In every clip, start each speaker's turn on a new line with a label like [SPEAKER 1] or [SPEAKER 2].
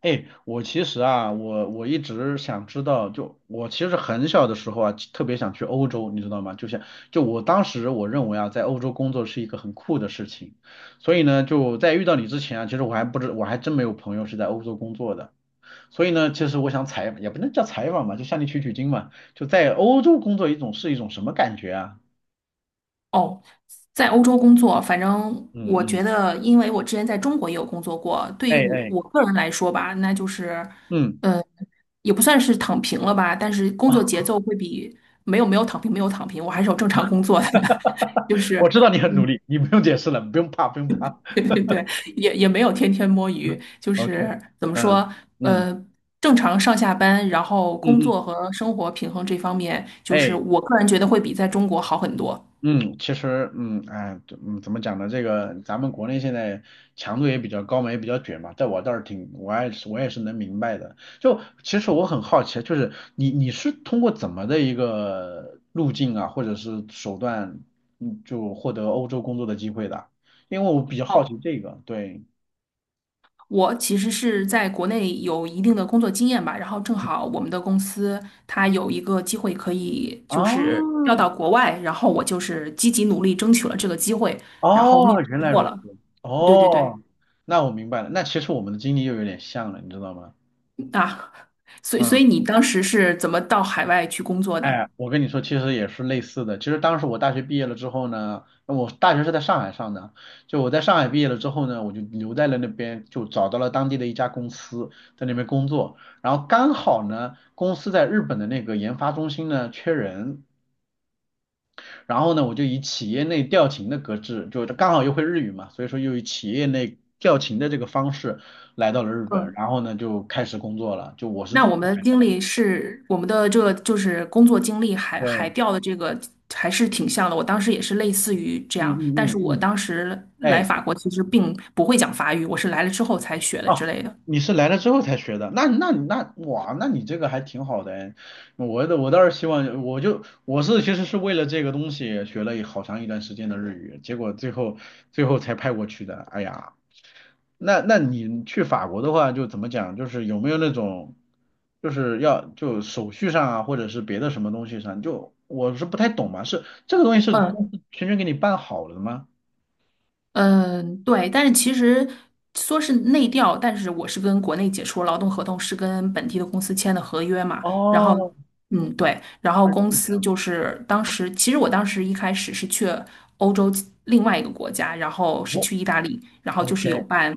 [SPEAKER 1] 哎，我其实啊，我一直想知道，就我其实很小的时候啊，特别想去欧洲，你知道吗？就像我当时我认为啊，在欧洲工作是一个很酷的事情，所以呢，就在遇到你之前啊，其实我还真没有朋友是在欧洲工作的，所以呢，其实我想采也不能叫采访吧，就向你取取经嘛，就在欧洲工作一种是一种什么感觉啊？
[SPEAKER 2] 哦，在欧洲工作，反正
[SPEAKER 1] 嗯
[SPEAKER 2] 我觉
[SPEAKER 1] 嗯，
[SPEAKER 2] 得，因为我之前在中国也有工作过，对于
[SPEAKER 1] 哎
[SPEAKER 2] 我
[SPEAKER 1] 哎，
[SPEAKER 2] 我个人来说吧，那就是，
[SPEAKER 1] 嗯。
[SPEAKER 2] 呃，也不算是躺平了吧，但是工作节奏会比没有没有躺平没有躺平，我还是有正常工作的，就 是，
[SPEAKER 1] 我知道你很努
[SPEAKER 2] 嗯，
[SPEAKER 1] 力，你不用解释了，不用怕不用怕
[SPEAKER 2] 对对对，也没有天天摸鱼，就
[SPEAKER 1] ，OK,
[SPEAKER 2] 是怎么
[SPEAKER 1] 嗯
[SPEAKER 2] 说，
[SPEAKER 1] 嗯。
[SPEAKER 2] 呃。正常上下班，然后工
[SPEAKER 1] 嗯嗯，
[SPEAKER 2] 作和生活平衡这方面，就是
[SPEAKER 1] 哎，
[SPEAKER 2] 我个人觉得会比在中国好很多。
[SPEAKER 1] 嗯，其实，怎么讲呢？这个咱们国内现在强度也比较高嘛，也比较卷嘛，在我倒是挺，我也是，我也是能明白的。就其实我很好奇，就是你是通过怎么的一个路径啊，或者是手段，就获得欧洲工作的机会的？因为我比较好
[SPEAKER 2] 哦。
[SPEAKER 1] 奇这个，对。
[SPEAKER 2] 我其实是在国内有一定的工作经验吧，然后正好我们的公司它有一个机会可以就是调
[SPEAKER 1] 啊，
[SPEAKER 2] 到国外，然后我就是积极努力争取了这个机会，然后面
[SPEAKER 1] 哦，原
[SPEAKER 2] 试
[SPEAKER 1] 来
[SPEAKER 2] 过
[SPEAKER 1] 如
[SPEAKER 2] 了。
[SPEAKER 1] 此，
[SPEAKER 2] 对对对，
[SPEAKER 1] 哦，那我明白了，那其实我们的经历又有点像了，你知道吗？
[SPEAKER 2] 啊，所以所
[SPEAKER 1] 嗯。
[SPEAKER 2] 以你当时是怎么到海外去工作的？
[SPEAKER 1] 哎，我跟你说，其实也是类似的。其实当时我大学毕业了之后呢，我大学是在上海上的，就我在上海毕业了之后呢，我就留在了那边，就找到了当地的一家公司，在那边工作。然后刚好呢，公司在日本的那个研发中心呢缺人，然后呢，我就以企业内调勤的格式，就刚好又会日语嘛，所以说又以企业内调勤的这个方式来到了日本，
[SPEAKER 2] 嗯，
[SPEAKER 1] 然后呢就开始工作了。就我是
[SPEAKER 2] 那
[SPEAKER 1] 这么
[SPEAKER 2] 我
[SPEAKER 1] 个
[SPEAKER 2] 们的
[SPEAKER 1] 感觉。
[SPEAKER 2] 经历是我们的这个就是工作经历海海
[SPEAKER 1] 对，
[SPEAKER 2] 钓的这个还是挺像的。我当时也是类似于这
[SPEAKER 1] 嗯
[SPEAKER 2] 样，
[SPEAKER 1] 嗯
[SPEAKER 2] 但是
[SPEAKER 1] 嗯
[SPEAKER 2] 我
[SPEAKER 1] 嗯，
[SPEAKER 2] 当时来
[SPEAKER 1] 哎。
[SPEAKER 2] 法国其实并不会讲法语，我是来了之后才学的之
[SPEAKER 1] 哦，
[SPEAKER 2] 类的。
[SPEAKER 1] 你是来了之后才学的，那哇，那你这个还挺好的哎。我倒是希望，我其实是为了这个东西学了好长一段时间的日语，结果最后才派过去的。哎呀，那你去法国的话，就怎么讲，就是有没有那种，就是要就手续上啊，或者是别的什么东西上，就我是不太懂嘛，是这个东西是
[SPEAKER 2] 嗯，
[SPEAKER 1] 公司全权给你办好了的吗？
[SPEAKER 2] 嗯，对，但是其实说是内调，但是我是跟国内解除劳动合同，是跟本地的公司签的合约嘛。然后，
[SPEAKER 1] 哦，
[SPEAKER 2] 嗯，对，然后
[SPEAKER 1] 它是
[SPEAKER 2] 公
[SPEAKER 1] 这
[SPEAKER 2] 司
[SPEAKER 1] 样的。
[SPEAKER 2] 就是当时，其实我当时一开始是去欧洲另外一个国家，然后是
[SPEAKER 1] 哦
[SPEAKER 2] 去意大利，然后就是有
[SPEAKER 1] ，OK。
[SPEAKER 2] 办，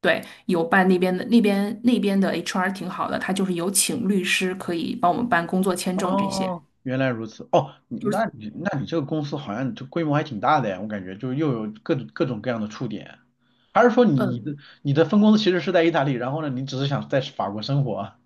[SPEAKER 2] 对，有办那边的 HR 挺好的，他就是有请律师可以帮我们办工作签证这些，
[SPEAKER 1] 哦，原来如此。哦，
[SPEAKER 2] 就是
[SPEAKER 1] 你这个公司好像就规模还挺大的呀，我感觉就又有各种各样的触点。还是说
[SPEAKER 2] 嗯，
[SPEAKER 1] 你的分公司其实是在意大利，然后呢，你只是想在法国生活啊？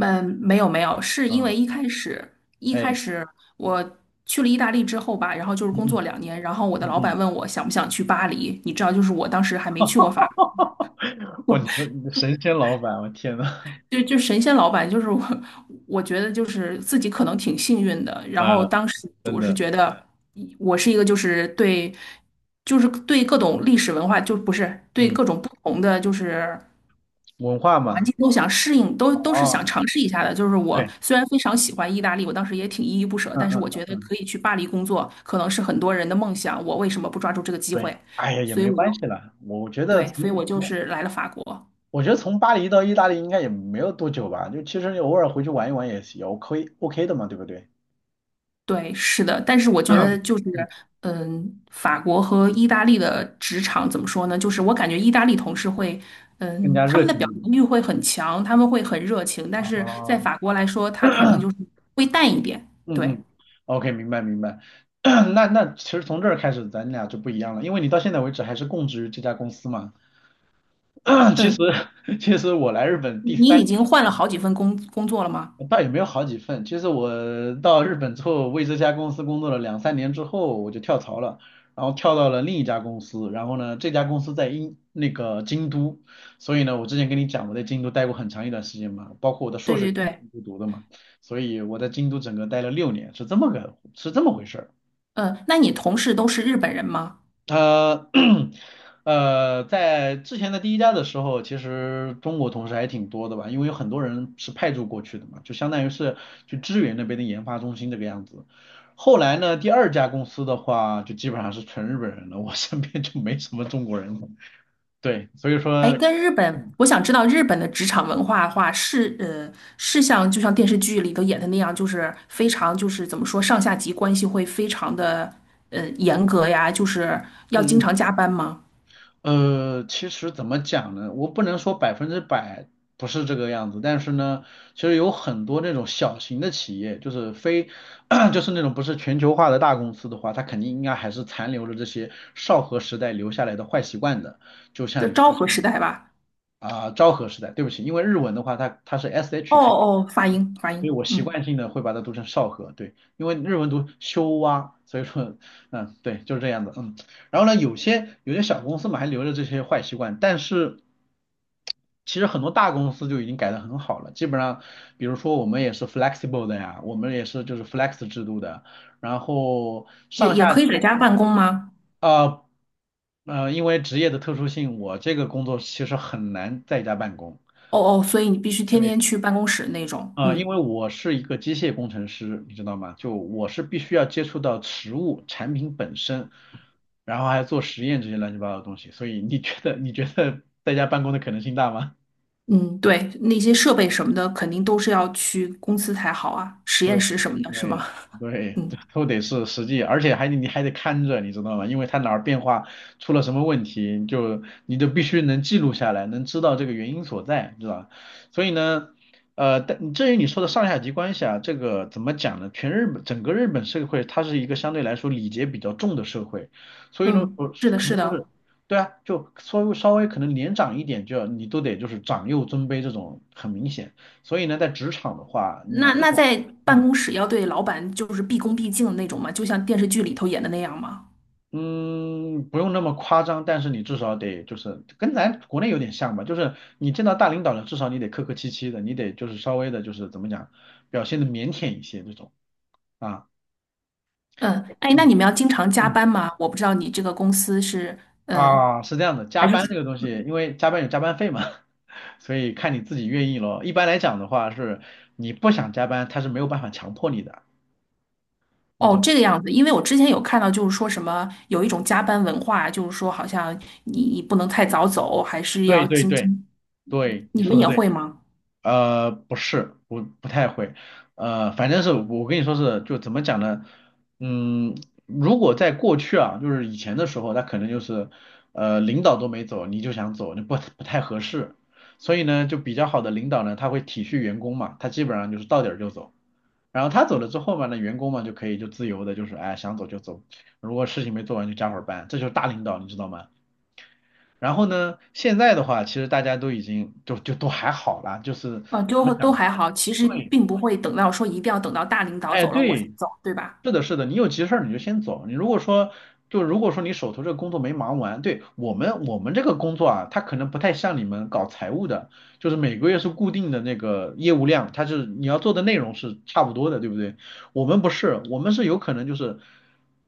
[SPEAKER 2] 没有没有，是因
[SPEAKER 1] 嗯
[SPEAKER 2] 为一开始一开
[SPEAKER 1] 哎，
[SPEAKER 2] 始我去了意大利之后吧，然后就是
[SPEAKER 1] 嗯
[SPEAKER 2] 工作
[SPEAKER 1] 嗯
[SPEAKER 2] 2年，然后我的
[SPEAKER 1] 嗯
[SPEAKER 2] 老板
[SPEAKER 1] 嗯。
[SPEAKER 2] 问我想不想去巴黎，你知道，就是我当时还没去过法
[SPEAKER 1] 哇，
[SPEAKER 2] 国，
[SPEAKER 1] 你的神仙老板，我天呐，
[SPEAKER 2] 就神仙老板，就是我，我觉得就是自己可能挺幸运的，然后
[SPEAKER 1] 嗯，
[SPEAKER 2] 当时
[SPEAKER 1] 真
[SPEAKER 2] 我是
[SPEAKER 1] 的，
[SPEAKER 2] 觉得我是一个就是对，就是对各种历史文化，就不是对
[SPEAKER 1] 嗯，
[SPEAKER 2] 各种不同的就是。
[SPEAKER 1] 文化
[SPEAKER 2] 环
[SPEAKER 1] 嘛，
[SPEAKER 2] 境都想适应，都是
[SPEAKER 1] 哦，
[SPEAKER 2] 想尝试一下的。就是我
[SPEAKER 1] 对，
[SPEAKER 2] 虽然非常喜欢意大利，我当时也挺依依不舍，
[SPEAKER 1] 嗯
[SPEAKER 2] 但是
[SPEAKER 1] 嗯
[SPEAKER 2] 我
[SPEAKER 1] 嗯
[SPEAKER 2] 觉得
[SPEAKER 1] 嗯，
[SPEAKER 2] 可以去巴黎工作，可能是很多人的梦想，我为什么不抓住这个机
[SPEAKER 1] 对，
[SPEAKER 2] 会？
[SPEAKER 1] 哎呀，也
[SPEAKER 2] 所以
[SPEAKER 1] 没
[SPEAKER 2] 我就
[SPEAKER 1] 关系啦，
[SPEAKER 2] 对，所以我就是来了法国。
[SPEAKER 1] 我觉得从巴黎到意大利应该也没有多久吧，就其实你偶尔回去玩一玩也 OK OK 的嘛，对不对？
[SPEAKER 2] 对，是的，但是我觉得
[SPEAKER 1] 嗯
[SPEAKER 2] 就是，嗯，法国和意大利的职场怎么说呢？就是我感觉意大利同事会，
[SPEAKER 1] 更
[SPEAKER 2] 嗯，
[SPEAKER 1] 加
[SPEAKER 2] 他
[SPEAKER 1] 热
[SPEAKER 2] 们的
[SPEAKER 1] 情
[SPEAKER 2] 表
[SPEAKER 1] 一
[SPEAKER 2] 达
[SPEAKER 1] 点
[SPEAKER 2] 欲会很强，他们会很热情，但是在
[SPEAKER 1] 啊。
[SPEAKER 2] 法国来说，他可能就是会淡一点。
[SPEAKER 1] 嗯
[SPEAKER 2] 对。
[SPEAKER 1] 嗯，OK,明白明白。那其实从这儿开始咱俩就不一样了，因为你到现在为止还是供职于这家公司嘛。其实
[SPEAKER 2] 嗯，
[SPEAKER 1] 其实我来日本
[SPEAKER 2] 你
[SPEAKER 1] 第
[SPEAKER 2] 你
[SPEAKER 1] 三
[SPEAKER 2] 已经换了好几份工作了吗？
[SPEAKER 1] 倒也没有好几份。其实我到日本之后，为这家公司工作了两三年之后，我就跳槽了，然后跳到了另一家公司。然后呢，这家公司在那个京都，所以呢，我之前跟你讲我在京都待过很长一段时间嘛，包括我的硕
[SPEAKER 2] 对
[SPEAKER 1] 士也
[SPEAKER 2] 对
[SPEAKER 1] 是
[SPEAKER 2] 对，
[SPEAKER 1] 京都读的嘛，所以我在京都整个待了6年，是这么个是这么回事儿。
[SPEAKER 2] 那你同事都是日本人吗？
[SPEAKER 1] 呃，呃，在之前的第一家的时候，其实中国同事还挺多的吧，因为有很多人是派驻过去的嘛，就相当于是去支援那边的研发中心这个样子。后来呢，第二家公司的话，就基本上是纯日本人了，我身边就没什么中国人了。对，所以
[SPEAKER 2] 哎，
[SPEAKER 1] 说，
[SPEAKER 2] 跟日本，
[SPEAKER 1] 嗯
[SPEAKER 2] 我想知道日本的职场文化的话，是是像就像电视剧里头演的那样，就是非常就是怎么说上下级关系会非常的严格呀，就是要经
[SPEAKER 1] 嗯嗯。
[SPEAKER 2] 常加班吗？
[SPEAKER 1] 呃，其实怎么讲呢？我不能说百分之百不是这个样子，但是呢，其实有很多那种小型的企业，就是非，就是那种不是全球化的大公司的话，它肯定应该还是残留了这些昭和时代留下来的坏习惯的。就像
[SPEAKER 2] 就
[SPEAKER 1] 你
[SPEAKER 2] 昭
[SPEAKER 1] 说的
[SPEAKER 2] 和时代吧？
[SPEAKER 1] 啊、昭和时代，对不起，因为日文的话它是
[SPEAKER 2] 哦
[SPEAKER 1] sh 开。
[SPEAKER 2] 哦，发音发
[SPEAKER 1] 所以
[SPEAKER 2] 音，
[SPEAKER 1] 我习
[SPEAKER 2] 嗯，
[SPEAKER 1] 惯性的会把它读成少河，对，因为日文读修蛙，所以说，嗯，对，就是这样的，嗯。然后呢，有些小公司嘛还留着这些坏习惯，但是其实很多大公司就已经改得很好了，基本上，比如说我们也是 flexible 的呀，我们也是就是 flex 制度的，然后
[SPEAKER 2] 也
[SPEAKER 1] 上
[SPEAKER 2] 也
[SPEAKER 1] 下
[SPEAKER 2] 可以在
[SPEAKER 1] 级
[SPEAKER 2] 家办公吗？
[SPEAKER 1] 呃呃，因为职业的特殊性，我这个工作其实很难在家办公。
[SPEAKER 2] 哦哦，所以你必须天
[SPEAKER 1] 对。
[SPEAKER 2] 天去办公室那种，
[SPEAKER 1] 啊，因
[SPEAKER 2] 嗯。
[SPEAKER 1] 为我是一个机械工程师，你知道吗？就我是必须要接触到实物产品本身，然后还要做实验这些乱七八糟的东西，所以你觉得在家办公的可能性大吗？
[SPEAKER 2] 嗯，对，那些设备什么的，肯定都是要去公司才好啊，实验
[SPEAKER 1] 对
[SPEAKER 2] 室什么的，是
[SPEAKER 1] 对
[SPEAKER 2] 吗？
[SPEAKER 1] 对，这
[SPEAKER 2] 嗯
[SPEAKER 1] 都得是实际，而且你还得看着，你知道吗？因为它哪儿变化出了什么问题，你就必须能记录下来，能知道这个原因所在，是吧？所以呢，呃，但至于你说的上下级关系啊，这个怎么讲呢？全日本整个日本社会，它是一个相对来说礼节比较重的社会，所以呢，
[SPEAKER 2] 嗯，
[SPEAKER 1] 我
[SPEAKER 2] 是的，
[SPEAKER 1] 可
[SPEAKER 2] 是
[SPEAKER 1] 能就是。
[SPEAKER 2] 的。
[SPEAKER 1] 对啊，就稍微可能年长一点就要，你都得就是长幼尊卑这种很明显，所以呢，在职场的话，你
[SPEAKER 2] 那
[SPEAKER 1] 这
[SPEAKER 2] 那
[SPEAKER 1] 种。
[SPEAKER 2] 在办
[SPEAKER 1] 嗯。
[SPEAKER 2] 公室要对老板就是毕恭毕敬的那种吗？就像电视剧里头演的那样吗？
[SPEAKER 1] 嗯，不用那么夸张，但是你至少得就是跟咱国内有点像吧，就是你见到大领导了，至少你得客客气气的，你得就是稍微的，就是怎么讲，表现的腼腆一些这种啊。
[SPEAKER 2] 嗯，哎，那
[SPEAKER 1] 你
[SPEAKER 2] 你们要经常加
[SPEAKER 1] 嗯
[SPEAKER 2] 班吗？我不知道你这个公司是，嗯，
[SPEAKER 1] 啊，是这样的，加
[SPEAKER 2] 还是
[SPEAKER 1] 班这个东西，因为加班有加班费嘛，所以看你自己愿意咯。一般来讲的话是，你不想加班，他是没有办法强迫你的，你
[SPEAKER 2] 哦
[SPEAKER 1] 懂吗？
[SPEAKER 2] 这个样子，因为我之前有看到就是说什么有一种加班文化，就是说好像你不能太早走，还是要
[SPEAKER 1] 对对
[SPEAKER 2] 经
[SPEAKER 1] 对
[SPEAKER 2] 经，你
[SPEAKER 1] 对，你
[SPEAKER 2] 你
[SPEAKER 1] 说
[SPEAKER 2] 们
[SPEAKER 1] 的
[SPEAKER 2] 也
[SPEAKER 1] 对。
[SPEAKER 2] 会吗？
[SPEAKER 1] 呃，不是，不太会，呃，反正是我跟你说是，就怎么讲呢？嗯，如果在过去啊，就是以前的时候，他可能就是，呃，领导都没走，你就想走，那不太合适。所以呢，就比较好的领导呢，他会体恤员工嘛，他基本上就是到点儿就走。然后他走了之后嘛，那员工嘛就可以就自由的，就是哎想走就走，如果事情没做完就加会儿班，这就是大领导，你知道吗？然后呢，现在的话，其实大家都已经就都还好啦，就是怎么
[SPEAKER 2] 就
[SPEAKER 1] 讲？
[SPEAKER 2] 都还好，其实
[SPEAKER 1] 对，
[SPEAKER 2] 并不会等到说一定要等到大领导
[SPEAKER 1] 哎，
[SPEAKER 2] 走了我才
[SPEAKER 1] 对，
[SPEAKER 2] 走，对吧？
[SPEAKER 1] 是的，是的，你有急事儿你就先走。你如果说，就如果说你手头这个工作没忙完，对，我们这个工作啊，它可能不太像你们搞财务的，就是每个月是固定的那个业务量，它是你要做的内容是差不多的，对不对？我们不是，我们是有可能就是，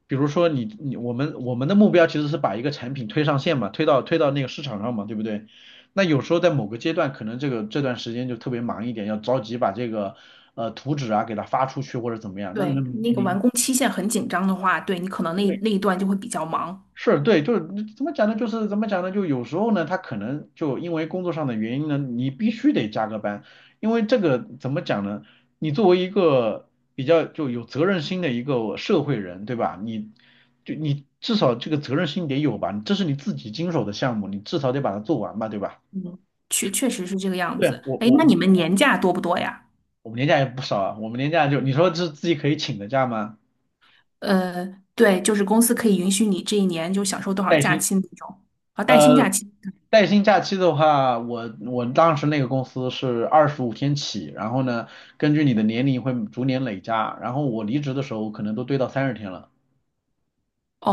[SPEAKER 1] 比如说我们的目标其实是把一个产品推上线嘛，推到那个市场上嘛，对不对？那有时候在某个阶段，可能这个这段时间就特别忙一点，要着急把这个呃图纸啊给它发出去或者怎么样。那那
[SPEAKER 2] 对，那个完
[SPEAKER 1] 你
[SPEAKER 2] 工期限很紧张的话，对你可能那一
[SPEAKER 1] 对
[SPEAKER 2] 段就会比较忙。
[SPEAKER 1] 是对，就是怎么讲呢？就是怎么讲呢？就有时候呢，他可能就因为工作上的原因呢，你必须得加个班，因为这个怎么讲呢？你作为一个比较就有责任心的一个社会人，对吧？你至少这个责任心得有吧？这是你自己经手的项目，你至少得把它做完吧，对吧？
[SPEAKER 2] 嗯，确实是这个样
[SPEAKER 1] 对，
[SPEAKER 2] 子。哎，那
[SPEAKER 1] 我
[SPEAKER 2] 你们年假多不多呀？
[SPEAKER 1] 我们年假也不少啊，我们年假就你说是自己可以请的假吗？
[SPEAKER 2] 对，就是公司可以允许你这一年就享受多少
[SPEAKER 1] 带
[SPEAKER 2] 假
[SPEAKER 1] 薪，
[SPEAKER 2] 期那种，啊，带薪
[SPEAKER 1] 呃，
[SPEAKER 2] 假期。
[SPEAKER 1] 带薪假期的话，我当时那个公司是25天起，然后呢，根据你的年龄会逐年累加，然后我离职的时候可能都堆到30天了，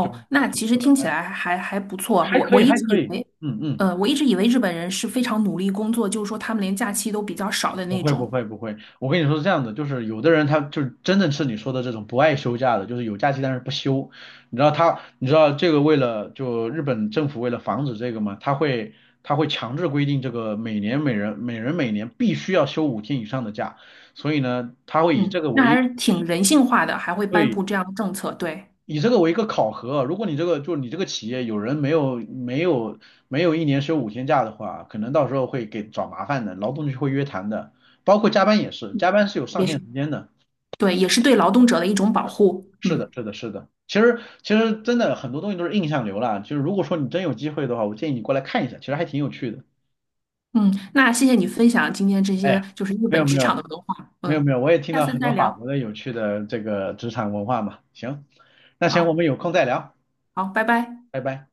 [SPEAKER 1] 就也
[SPEAKER 2] 那
[SPEAKER 1] 可以
[SPEAKER 2] 其实
[SPEAKER 1] 获得
[SPEAKER 2] 听
[SPEAKER 1] 三
[SPEAKER 2] 起
[SPEAKER 1] 十，
[SPEAKER 2] 来还不错啊。
[SPEAKER 1] 还
[SPEAKER 2] 我
[SPEAKER 1] 可
[SPEAKER 2] 我
[SPEAKER 1] 以
[SPEAKER 2] 一
[SPEAKER 1] 还
[SPEAKER 2] 直
[SPEAKER 1] 可
[SPEAKER 2] 以
[SPEAKER 1] 以，
[SPEAKER 2] 为，
[SPEAKER 1] 嗯嗯，
[SPEAKER 2] 我一直以为日本人是非常努力工作，就是说他们连假期都比较少的
[SPEAKER 1] 不
[SPEAKER 2] 那
[SPEAKER 1] 会不
[SPEAKER 2] 种。
[SPEAKER 1] 会不会，我跟你说是这样的，就是有的人他就是真的是你说的这种不爱休假的，就是有假期但是不休。你知道他，你知道这个为了就日本政府为了防止这个嘛，他会强制规定这个每年每人每年必须要休五天以上的假，所以呢，他会以
[SPEAKER 2] 嗯，
[SPEAKER 1] 这个
[SPEAKER 2] 那
[SPEAKER 1] 为
[SPEAKER 2] 还是挺人性化的，还会颁
[SPEAKER 1] 对
[SPEAKER 2] 布这样的政策，对，
[SPEAKER 1] 以这个为一个考核啊，如果你这个就你这个企业有人没有一年休5天假的话，可能到时候会给找麻烦的，劳动局会约谈的，包括加班也是，加班是有上
[SPEAKER 2] 也
[SPEAKER 1] 限
[SPEAKER 2] 是
[SPEAKER 1] 时间的。
[SPEAKER 2] 对，也是对劳动者的一种保护。
[SPEAKER 1] 是的，
[SPEAKER 2] 嗯
[SPEAKER 1] 是的，是的。其实真的很多东西都是印象流啦，就是如果说你真有机会的话，我建议你过来看一下，其实还挺有趣的。
[SPEAKER 2] 嗯，那谢谢你分享今天这些
[SPEAKER 1] 哎，
[SPEAKER 2] 就是日
[SPEAKER 1] 没有
[SPEAKER 2] 本职
[SPEAKER 1] 没
[SPEAKER 2] 场
[SPEAKER 1] 有
[SPEAKER 2] 的文化。
[SPEAKER 1] 没有
[SPEAKER 2] 嗯，
[SPEAKER 1] 没有，我也听
[SPEAKER 2] 下
[SPEAKER 1] 到
[SPEAKER 2] 次
[SPEAKER 1] 很多
[SPEAKER 2] 再
[SPEAKER 1] 法
[SPEAKER 2] 聊。
[SPEAKER 1] 国的有趣的这个职场文化嘛。行，那行，我
[SPEAKER 2] 好，
[SPEAKER 1] 们有空再聊，
[SPEAKER 2] 好，拜拜。
[SPEAKER 1] 拜拜。